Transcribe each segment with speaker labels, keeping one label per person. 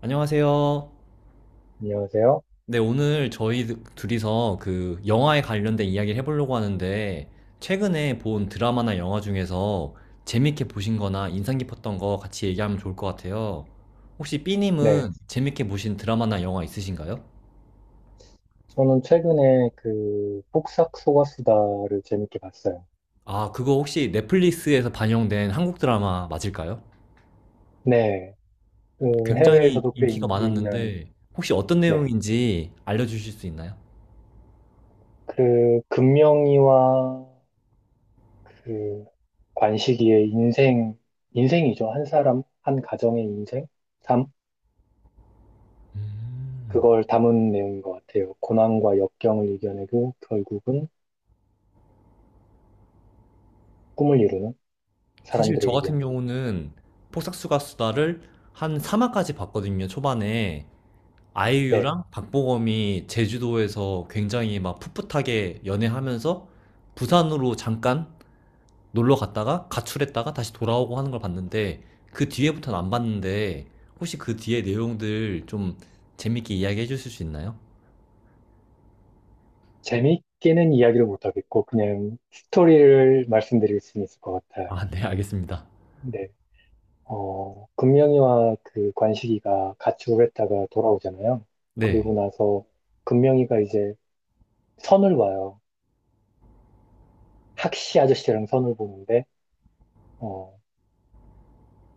Speaker 1: 안녕하세요.
Speaker 2: 안녕하세요.
Speaker 1: 네, 오늘 저희 둘이서 그 영화에 관련된 이야기를 해보려고 하는데, 최근에 본 드라마나 영화 중에서 재밌게 보신 거나 인상 깊었던 거 같이 얘기하면 좋을 것 같아요. 혹시
Speaker 2: 네.
Speaker 1: B님은 재밌게 보신 드라마나 영화 있으신가요?
Speaker 2: 저는 최근에 그 폭삭 소가수다를 재밌게 봤어요.
Speaker 1: 아, 그거 혹시 넷플릭스에서 반영된 한국 드라마 맞을까요?
Speaker 2: 네. 그
Speaker 1: 굉장히
Speaker 2: 해외에서도 꽤
Speaker 1: 인기가
Speaker 2: 인기 있는,
Speaker 1: 많았는데, 혹시 어떤
Speaker 2: 네.
Speaker 1: 내용인지 알려주실 수 있나요?
Speaker 2: 그 금명이와 그 관식이의 인생, 인생이죠. 한 사람, 한 가정의 인생? 삶? 그걸 담은 내용인 것 같아요. 고난과 역경을 이겨내고 결국은 꿈을 이루는
Speaker 1: 사실 저
Speaker 2: 사람들의
Speaker 1: 같은
Speaker 2: 이야기.
Speaker 1: 경우는 폭삭수가 수다를 한 3화까지 봤거든요. 초반에
Speaker 2: 네.
Speaker 1: 아이유랑 박보검이 제주도에서 굉장히 막 풋풋하게 연애하면서 부산으로 잠깐 놀러 갔다가 가출했다가 다시 돌아오고 하는 걸 봤는데, 그 뒤에부터는 안 봤는데, 혹시 그 뒤에 내용들 좀 재밌게 이야기해 주실 수 있나요?
Speaker 2: 재밌게는 이야기를 못하겠고, 그냥 스토리를 말씀드릴 수 있을 것 같아요.
Speaker 1: 아, 네, 알겠습니다.
Speaker 2: 네. 금명이와 그 관식이가 같이 했다가 돌아오잖아요.
Speaker 1: 네.
Speaker 2: 그리고 나서 금명이가 이제 선을 봐요. 학시 아저씨랑 선을 보는데, 어,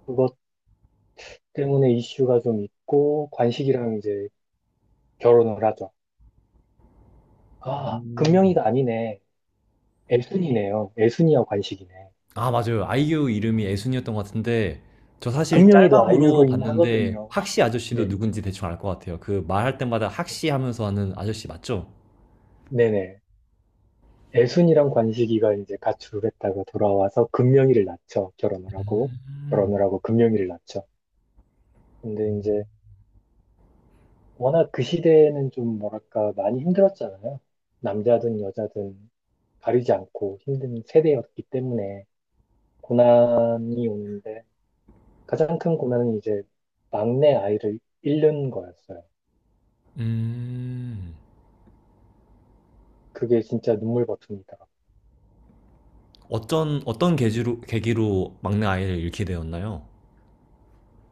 Speaker 2: 그것 때문에 이슈가 좀 있고, 관식이랑 이제 결혼을 하죠. 아,
Speaker 1: 음.
Speaker 2: 금명이가 아니네. 애순이네요. 애순이와 관식이네.
Speaker 1: 아, 맞아요. 아이유 이름이 애순이었던 것 같은데, 저 사실
Speaker 2: 금명이도
Speaker 1: 짤방으로
Speaker 2: 알고는
Speaker 1: 봤는데,
Speaker 2: 하거든요.
Speaker 1: 학시 아저씨도
Speaker 2: 네.
Speaker 1: 누군지 대충 알 것 같아요. 그 말할 때마다
Speaker 2: 네.
Speaker 1: 학시 하면서 하는 아저씨 맞죠?
Speaker 2: 네네. 애순이랑 관식이가 이제 가출을 했다가 돌아와서 금명이를 낳죠. 결혼을 하고.
Speaker 1: 음.
Speaker 2: 결혼을 하고 금명이를 낳죠. 근데 이제 워낙 그 시대에는 좀 뭐랄까 많이 힘들었잖아요. 남자든 여자든 가리지 않고 힘든 세대였기 때문에 고난이 오는데 가장 큰 고난은 이제 막내 아이를 잃는 거였어요.
Speaker 1: 음.
Speaker 2: 그게 진짜 눈물 버튼이더라고요.
Speaker 1: 어떤, 어떤 계기로, 계기로 막내 아이를 잃게 되었나요?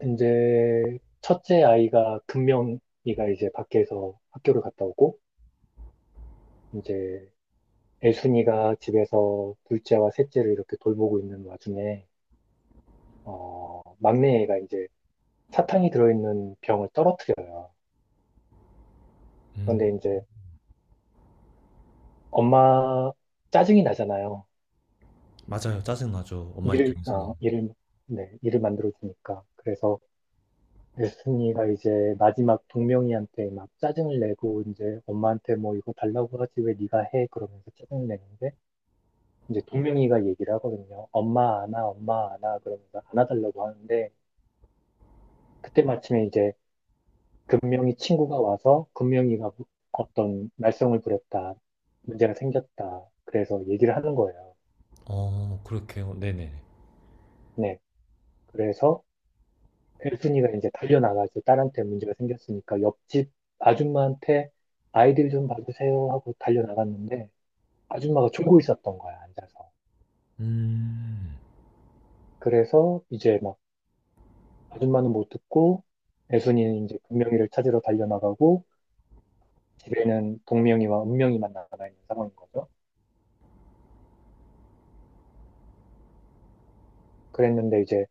Speaker 2: 이제 첫째 아이가 금명이가 이제 밖에서 학교를 갔다 오고 이제 애순이가 집에서 둘째와 셋째를 이렇게 돌보고 있는 와중에 막내 애가 이제 사탕이 들어있는 병을 떨어뜨려요.
Speaker 1: 음.
Speaker 2: 그런데 이제 엄마 짜증이 나잖아요.
Speaker 1: 맞아요. 짜증나죠. 엄마
Speaker 2: 일을, 어,
Speaker 1: 입장에서는.
Speaker 2: 일을, 네, 일을 만들어주니까. 그래서 에스니가 이제 마지막 동명이한테 막 짜증을 내고 이제 엄마한테 뭐 이거 달라고 하지 왜 네가 해? 그러면서 짜증을 내는데 이제 동명이가 얘기를 하거든요. 엄마 안아, 엄마 안아 그러면서 안아달라고 하는데 그때 마침에 이제 금명이 친구가 와서 금명이가 어떤 말썽을 부렸다. 문제가 생겼다. 그래서 얘기를 하는 거예요.
Speaker 1: 어, 그렇게요. 네네네.
Speaker 2: 네. 그래서 혜순이가 이제 달려나가서 딸한테 문제가 생겼으니까 옆집 아줌마한테 아이들 좀 봐주세요 하고 달려나갔는데 아줌마가 졸고 있었던 거야, 앉아서.
Speaker 1: 음.
Speaker 2: 그래서 이제 막 아줌마는 못 듣고 혜순이는 이제 금명이를 찾으러 달려나가고 집에는 동명이와 은명이만 나가 있는 상황인 거죠. 그랬는데 이제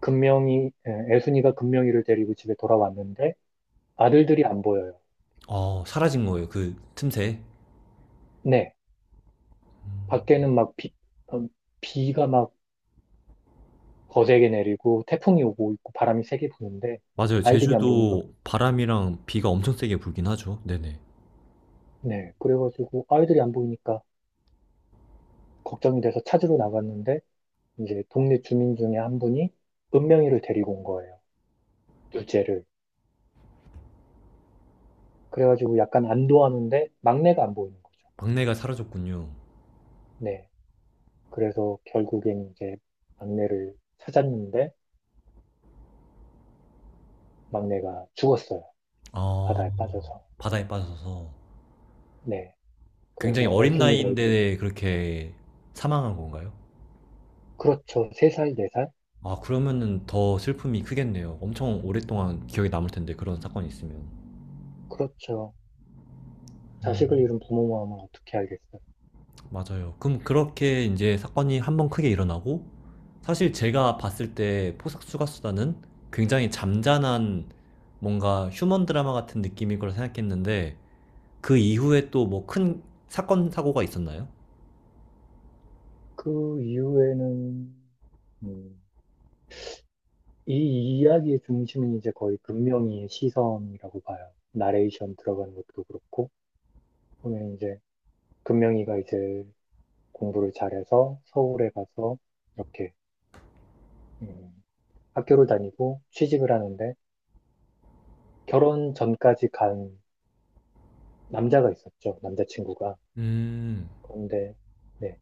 Speaker 2: 금명이, 예, 애순이가 금명이를 데리고 집에 돌아왔는데 아들들이 안 보여요.
Speaker 1: 어, 사라진 거예요. 그 틈새.
Speaker 2: 네, 밖에는 막 비, 어, 비가 막 거세게 내리고 태풍이 오고 있고 바람이 세게 부는데
Speaker 1: 맞아요.
Speaker 2: 아이들이 안 보니까
Speaker 1: 제주도 바람이랑 비가 엄청 세게 불긴 하죠. 네네.
Speaker 2: 네, 그래가지고 아이들이 안 보이니까 걱정이 돼서 찾으러 나갔는데 이제 동네 주민 중에 한 분이 은명이를 데리고 온 거예요. 둘째를. 그래가지고 약간 안도하는데 막내가 안 보이는 거죠.
Speaker 1: 막내가 사라졌군요.
Speaker 2: 네, 그래서 결국엔 이제 막내를 찾았는데 막내가 죽었어요.
Speaker 1: 어,
Speaker 2: 바다에 빠져서.
Speaker 1: 바다에 빠져서.
Speaker 2: 네.
Speaker 1: 굉장히
Speaker 2: 그래서
Speaker 1: 어린
Speaker 2: 엘순이가 이제,
Speaker 1: 나이인데 그렇게 사망한 건가요?
Speaker 2: 그렇죠. 세살네살
Speaker 1: 아, 그러면은 더 슬픔이 크겠네요. 엄청 오랫동안 기억에 남을 텐데, 그런 사건이 있으면.
Speaker 2: 그렇죠.
Speaker 1: 음,
Speaker 2: 자식을 잃은 부모 마음을 어떻게 알겠어요.
Speaker 1: 맞아요. 그럼 그렇게 이제 사건이 한번 크게 일어나고, 사실 제가 봤을 때 포석 수가수다는 굉장히 잠잔한 뭔가 휴먼 드라마 같은 느낌일 거라 생각했는데, 그 이후에 또 뭐 큰 사건, 사고가 있었나요?
Speaker 2: 그 이후에는, 음, 이 이야기의 중심은 이제 거의 금명이의 시선이라고 봐요. 나레이션 들어가는 것도 그렇고, 보면 이제, 금명이가 이제 공부를 잘해서 서울에 가서 이렇게, 음, 학교를 다니고 취직을 하는데, 결혼 전까지 간 남자가 있었죠. 남자친구가.
Speaker 1: 음,
Speaker 2: 그런데, 네.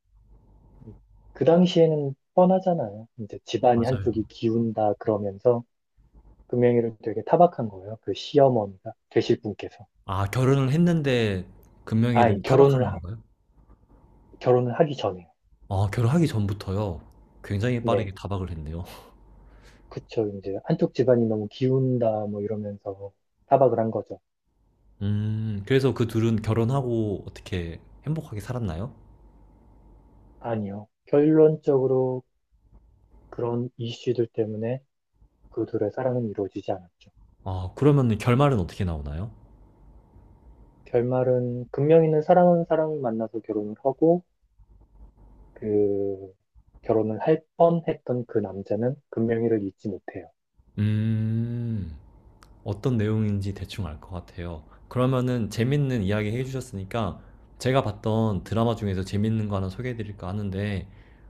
Speaker 2: 그 당시에는 뻔하잖아요. 이제 집안이 한쪽이
Speaker 1: 맞아요.
Speaker 2: 기운다 그러면서 금명이를 되게 타박한 거예요. 그 시어머니가 되실 분께서.
Speaker 1: 아, 결혼을 했는데
Speaker 2: 아,
Speaker 1: 금명이를 타박하는 건가요?
Speaker 2: 결혼을 하기 전에.
Speaker 1: 아, 결혼하기 전부터요. 굉장히 빠르게
Speaker 2: 네.
Speaker 1: 타박을 했네요.
Speaker 2: 그쵸. 이제 한쪽 집안이 너무 기운다 뭐 이러면서 타박을 한 거죠.
Speaker 1: 그래서 그 둘은 결혼하고 어떻게 행복하게 살았나요?
Speaker 2: 아니요. 결론적으로 그런 이슈들 때문에 그 둘의 사랑은 이루어지지 않았죠.
Speaker 1: 아, 그러면 결말은 어떻게 나오나요?
Speaker 2: 결말은 금명이는 사랑하는 사람을 만나서 결혼을 하고 그 결혼을 할 뻔했던 그 남자는 금명이를 잊지 못해요.
Speaker 1: 음, 어떤 내용인지 대충 알 것 같아요. 그러면은 재밌는 이야기 해주셨으니까 제가 봤던 드라마 중에서 재밌는 거 하나 소개해드릴까 하는데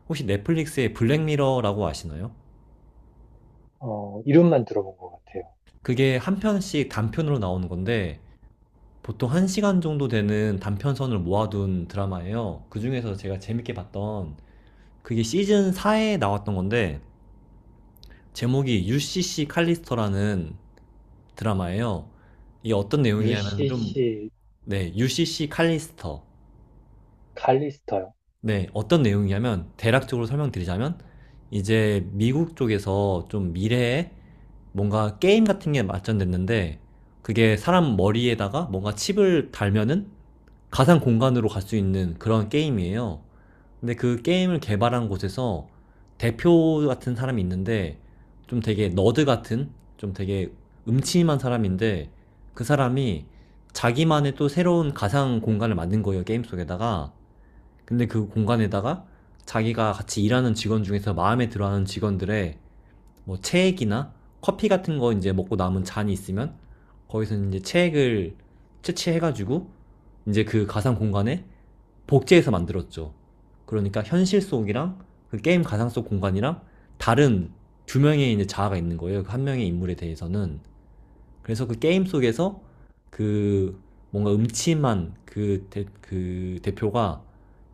Speaker 1: 혹시 넷플릭스의 블랙미러라고 아시나요?
Speaker 2: 어, 이름만 들어본 것 같아요.
Speaker 1: 그게 한 편씩 단편으로 나오는 건데 보통 1시간 정도 되는 단편선을 모아둔 드라마예요. 그 중에서 제가 재밌게 봤던 그게 시즌 4에 나왔던 건데 제목이 UCC 칼리스터라는 드라마예요. 이게 어떤 내용이냐면 좀.
Speaker 2: UCC
Speaker 1: 네, UCC 칼리스터.
Speaker 2: 칼리스터요.
Speaker 1: 네, 어떤 내용이냐면 대략적으로 설명드리자면, 이제 미국 쪽에서 좀 미래에 뭔가 게임 같은 게 발전됐는데, 그게 사람 머리에다가 뭔가 칩을 달면은 가상 공간으로 갈 수 있는 그런 게임이에요. 근데 그 게임을 개발한 곳에서 대표 같은 사람이 있는데 좀 되게 너드 같은, 좀 되게 음침한 사람인데, 그 사람이 자기만의 또 새로운 가상 공간을 만든 거예요. 게임 속에다가. 근데 그 공간에다가 자기가 같이 일하는 직원 중에서 마음에 들어하는 직원들의 뭐 체액이나 커피 같은 거 이제 먹고 남은 잔이 있으면 거기서 이제 체액을 채취해가지고 이제 그 가상 공간에 복제해서 만들었죠. 그러니까 현실 속이랑 그 게임 가상 속 공간이랑 다른 두 명의 이제 자아가 있는 거예요. 그 한 명의 인물에 대해서는. 그래서 그 게임 속에서 그, 뭔가 음침한 그 대표가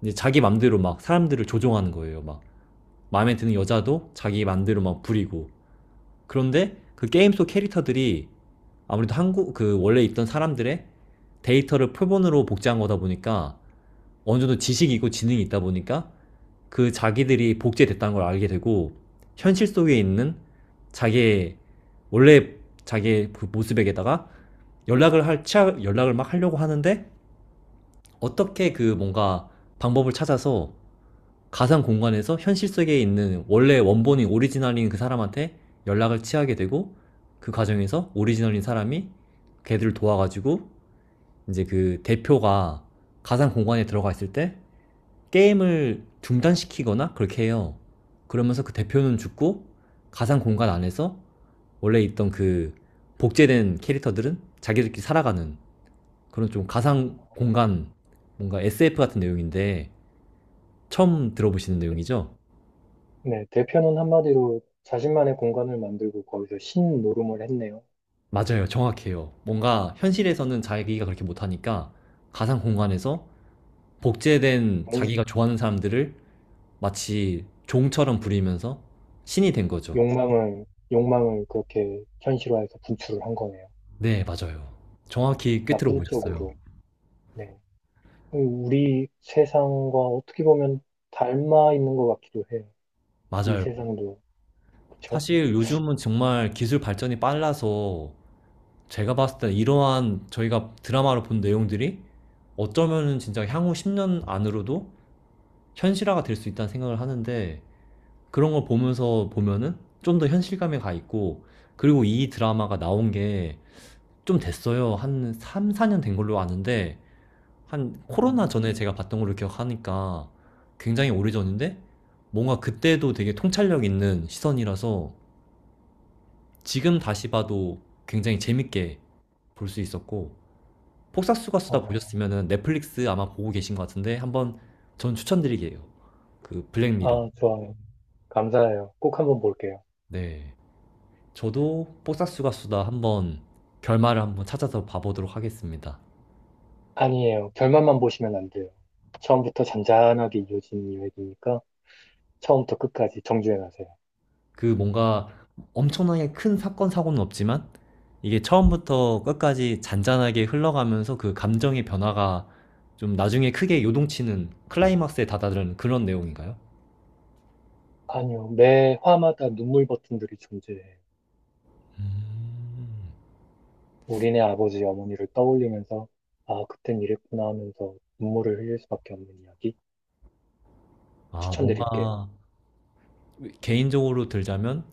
Speaker 1: 이제 자기 맘대로 막 사람들을 조종하는 거예요. 막 마음에 드는 여자도 자기 맘대로 막 부리고. 그런데 그 게임 속 캐릭터들이 아무래도 한국 그 원래 있던 사람들의 데이터를 표본으로 복제한 거다 보니까 어느 정도 지식이 있고 지능이 있다 보니까 그 자기들이 복제됐다는 걸 알게 되고 현실 속에 있는 자기의 원래 자기의 그 모습에게다가 연락을 막 하려고 하는데 어떻게 그 뭔가 방법을 찾아서 가상 공간에서 현실 속에 있는 원래 원본인 오리지널인 그 사람한테 연락을 취하게 되고, 그 과정에서 오리지널인 사람이 걔들을 도와가지고 이제 그 대표가 가상 공간에 들어가 있을 때 게임을 중단시키거나 그렇게 해요. 그러면서 그 대표는 죽고 가상 공간 안에서 원래 있던 그 복제된 캐릭터들은 자기들끼리 살아가는, 그런 좀 가상 공간, 뭔가 SF 같은 내용인데, 처음 들어보시는 내용이죠?
Speaker 2: 네, 대표는 한마디로 자신만의 공간을 만들고 거기서 신노름을 했네요.
Speaker 1: 맞아요. 정확해요. 뭔가 현실에서는 자기가 그렇게 못하니까 가상 공간에서 복제된
Speaker 2: 욕,
Speaker 1: 자기가 좋아하는 사람들을 마치 종처럼 부리면서 신이 된 거죠.
Speaker 2: 욕망을, 욕망을 그렇게 현실화해서 분출을 한 거네요.
Speaker 1: 네, 맞아요. 정확히 꿰뚫어
Speaker 2: 나쁜
Speaker 1: 보셨어요.
Speaker 2: 쪽으로. 네. 우리 세상과 어떻게 보면 닮아 있는 것 같기도 해요. 이
Speaker 1: 맞아요.
Speaker 2: 세상도. 그쵸?
Speaker 1: 사실 요즘은 정말 기술 발전이 빨라서 제가 봤을 때 이러한 저희가 드라마로 본 내용들이 어쩌면은 진짜 향후 10년 안으로도 현실화가 될 수 있다는 생각을 하는데, 그런 걸 보면서 보면은 좀 더 현실감에 가 있고, 그리고 이 드라마가 나온 게 좀 됐어요. 한 3, 4년 된 걸로 아는데, 한 코로나
Speaker 2: 음.
Speaker 1: 전에 제가 봤던 걸로 기억하니까 굉장히 오래전인데, 뭔가 그때도 되게 통찰력 있는 시선이라서 지금 다시 봐도 굉장히 재밌게 볼 수 있었고, 폭삭수가 수다
Speaker 2: 어,
Speaker 1: 보셨으면은 넷플릭스 아마 보고 계신 것 같은데, 한번 전 추천드리게요. 그 블랙미러.
Speaker 2: 아, 좋아요. 감사해요. 꼭 한번 볼게요.
Speaker 1: 네. 저도 폭삭수가 수다 한번 결말을 한번 찾아서 봐보도록 하겠습니다.
Speaker 2: 아니에요. 결말만 보시면 안 돼요. 처음부터 잔잔하게 이어진 이야기니까 처음부터 끝까지 정주행하세요.
Speaker 1: 그 뭔가 엄청나게 큰 사건 사고는 없지만 이게 처음부터 끝까지 잔잔하게 흘러가면서 그 감정의 변화가 좀 나중에 크게 요동치는 클라이막스에 다다른 그런 내용인가요?
Speaker 2: 아니요. 매 화마다 눈물 버튼들이 존재해요.
Speaker 1: 음.
Speaker 2: 우리네 아버지, 어머니를 떠올리면서 아, 그땐 이랬구나 하면서 눈물을 흘릴 수밖에 없는 이야기
Speaker 1: 아,
Speaker 2: 추천드릴게요.
Speaker 1: 뭔가 개인적으로 들자면,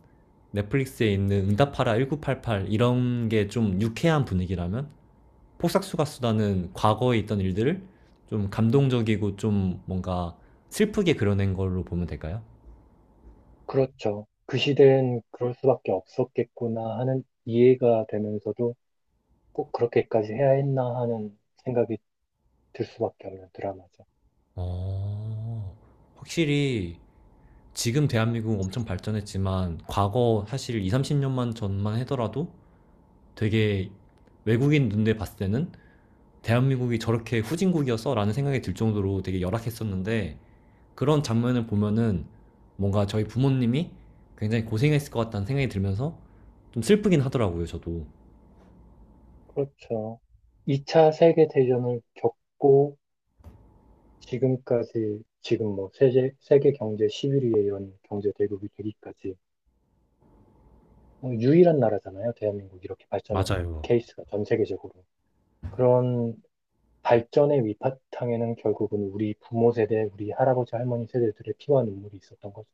Speaker 1: 넷플릭스에 있는 응답하라 1988 이런 게 좀 유쾌한 분위기라면 폭삭수가 수다는 과거에 있던 일들을 좀 감동적이고 좀 뭔가 슬프게 그려낸 걸로 보면 될까요?
Speaker 2: 그렇죠. 그 시대엔 그럴 수밖에 없었겠구나 하는 이해가 되면서도 꼭 그렇게까지 해야 했나 하는 생각이 들 수밖에 없는 드라마죠.
Speaker 1: 어, 확실히 지금 대한민국은 엄청 발전했지만 과거 사실 2, 30년만 전만 하더라도 되게 외국인 눈에 봤을 때는 대한민국이 저렇게 후진국이었어? 라는 생각이 들 정도로 되게 열악했었는데, 그런 장면을 보면은 뭔가 저희 부모님이 굉장히 고생했을 것 같다는 생각이 들면서 좀 슬프긴 하더라고요, 저도.
Speaker 2: 그렇죠. 2차 세계 대전을 겪고 지금까지 지금 뭐 세계 경제 11위에 이런 경제 대국이 되기까지 어, 유일한 나라잖아요. 대한민국 이렇게 발전한
Speaker 1: 맞아요.
Speaker 2: 케이스가 전 세계적으로. 그런 발전의 위바탕에는 결국은 우리 부모 세대, 우리 할아버지 할머니 세대들의 피와 눈물이 있었던 거죠.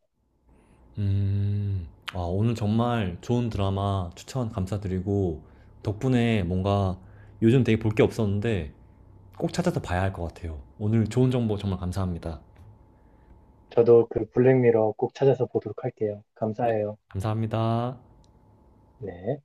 Speaker 1: 음. 아, 오늘 정말 좋은 드라마 추천 감사드리고, 덕분에 뭔가 요즘 되게 볼 게 없었는데 꼭 찾아서 봐야 할 것 같아요. 오늘 좋은 정보 정말 감사합니다.
Speaker 2: 저도 그 블랙미러 꼭 찾아서 보도록 할게요.
Speaker 1: 네.
Speaker 2: 감사해요.
Speaker 1: 감사합니다.
Speaker 2: 네.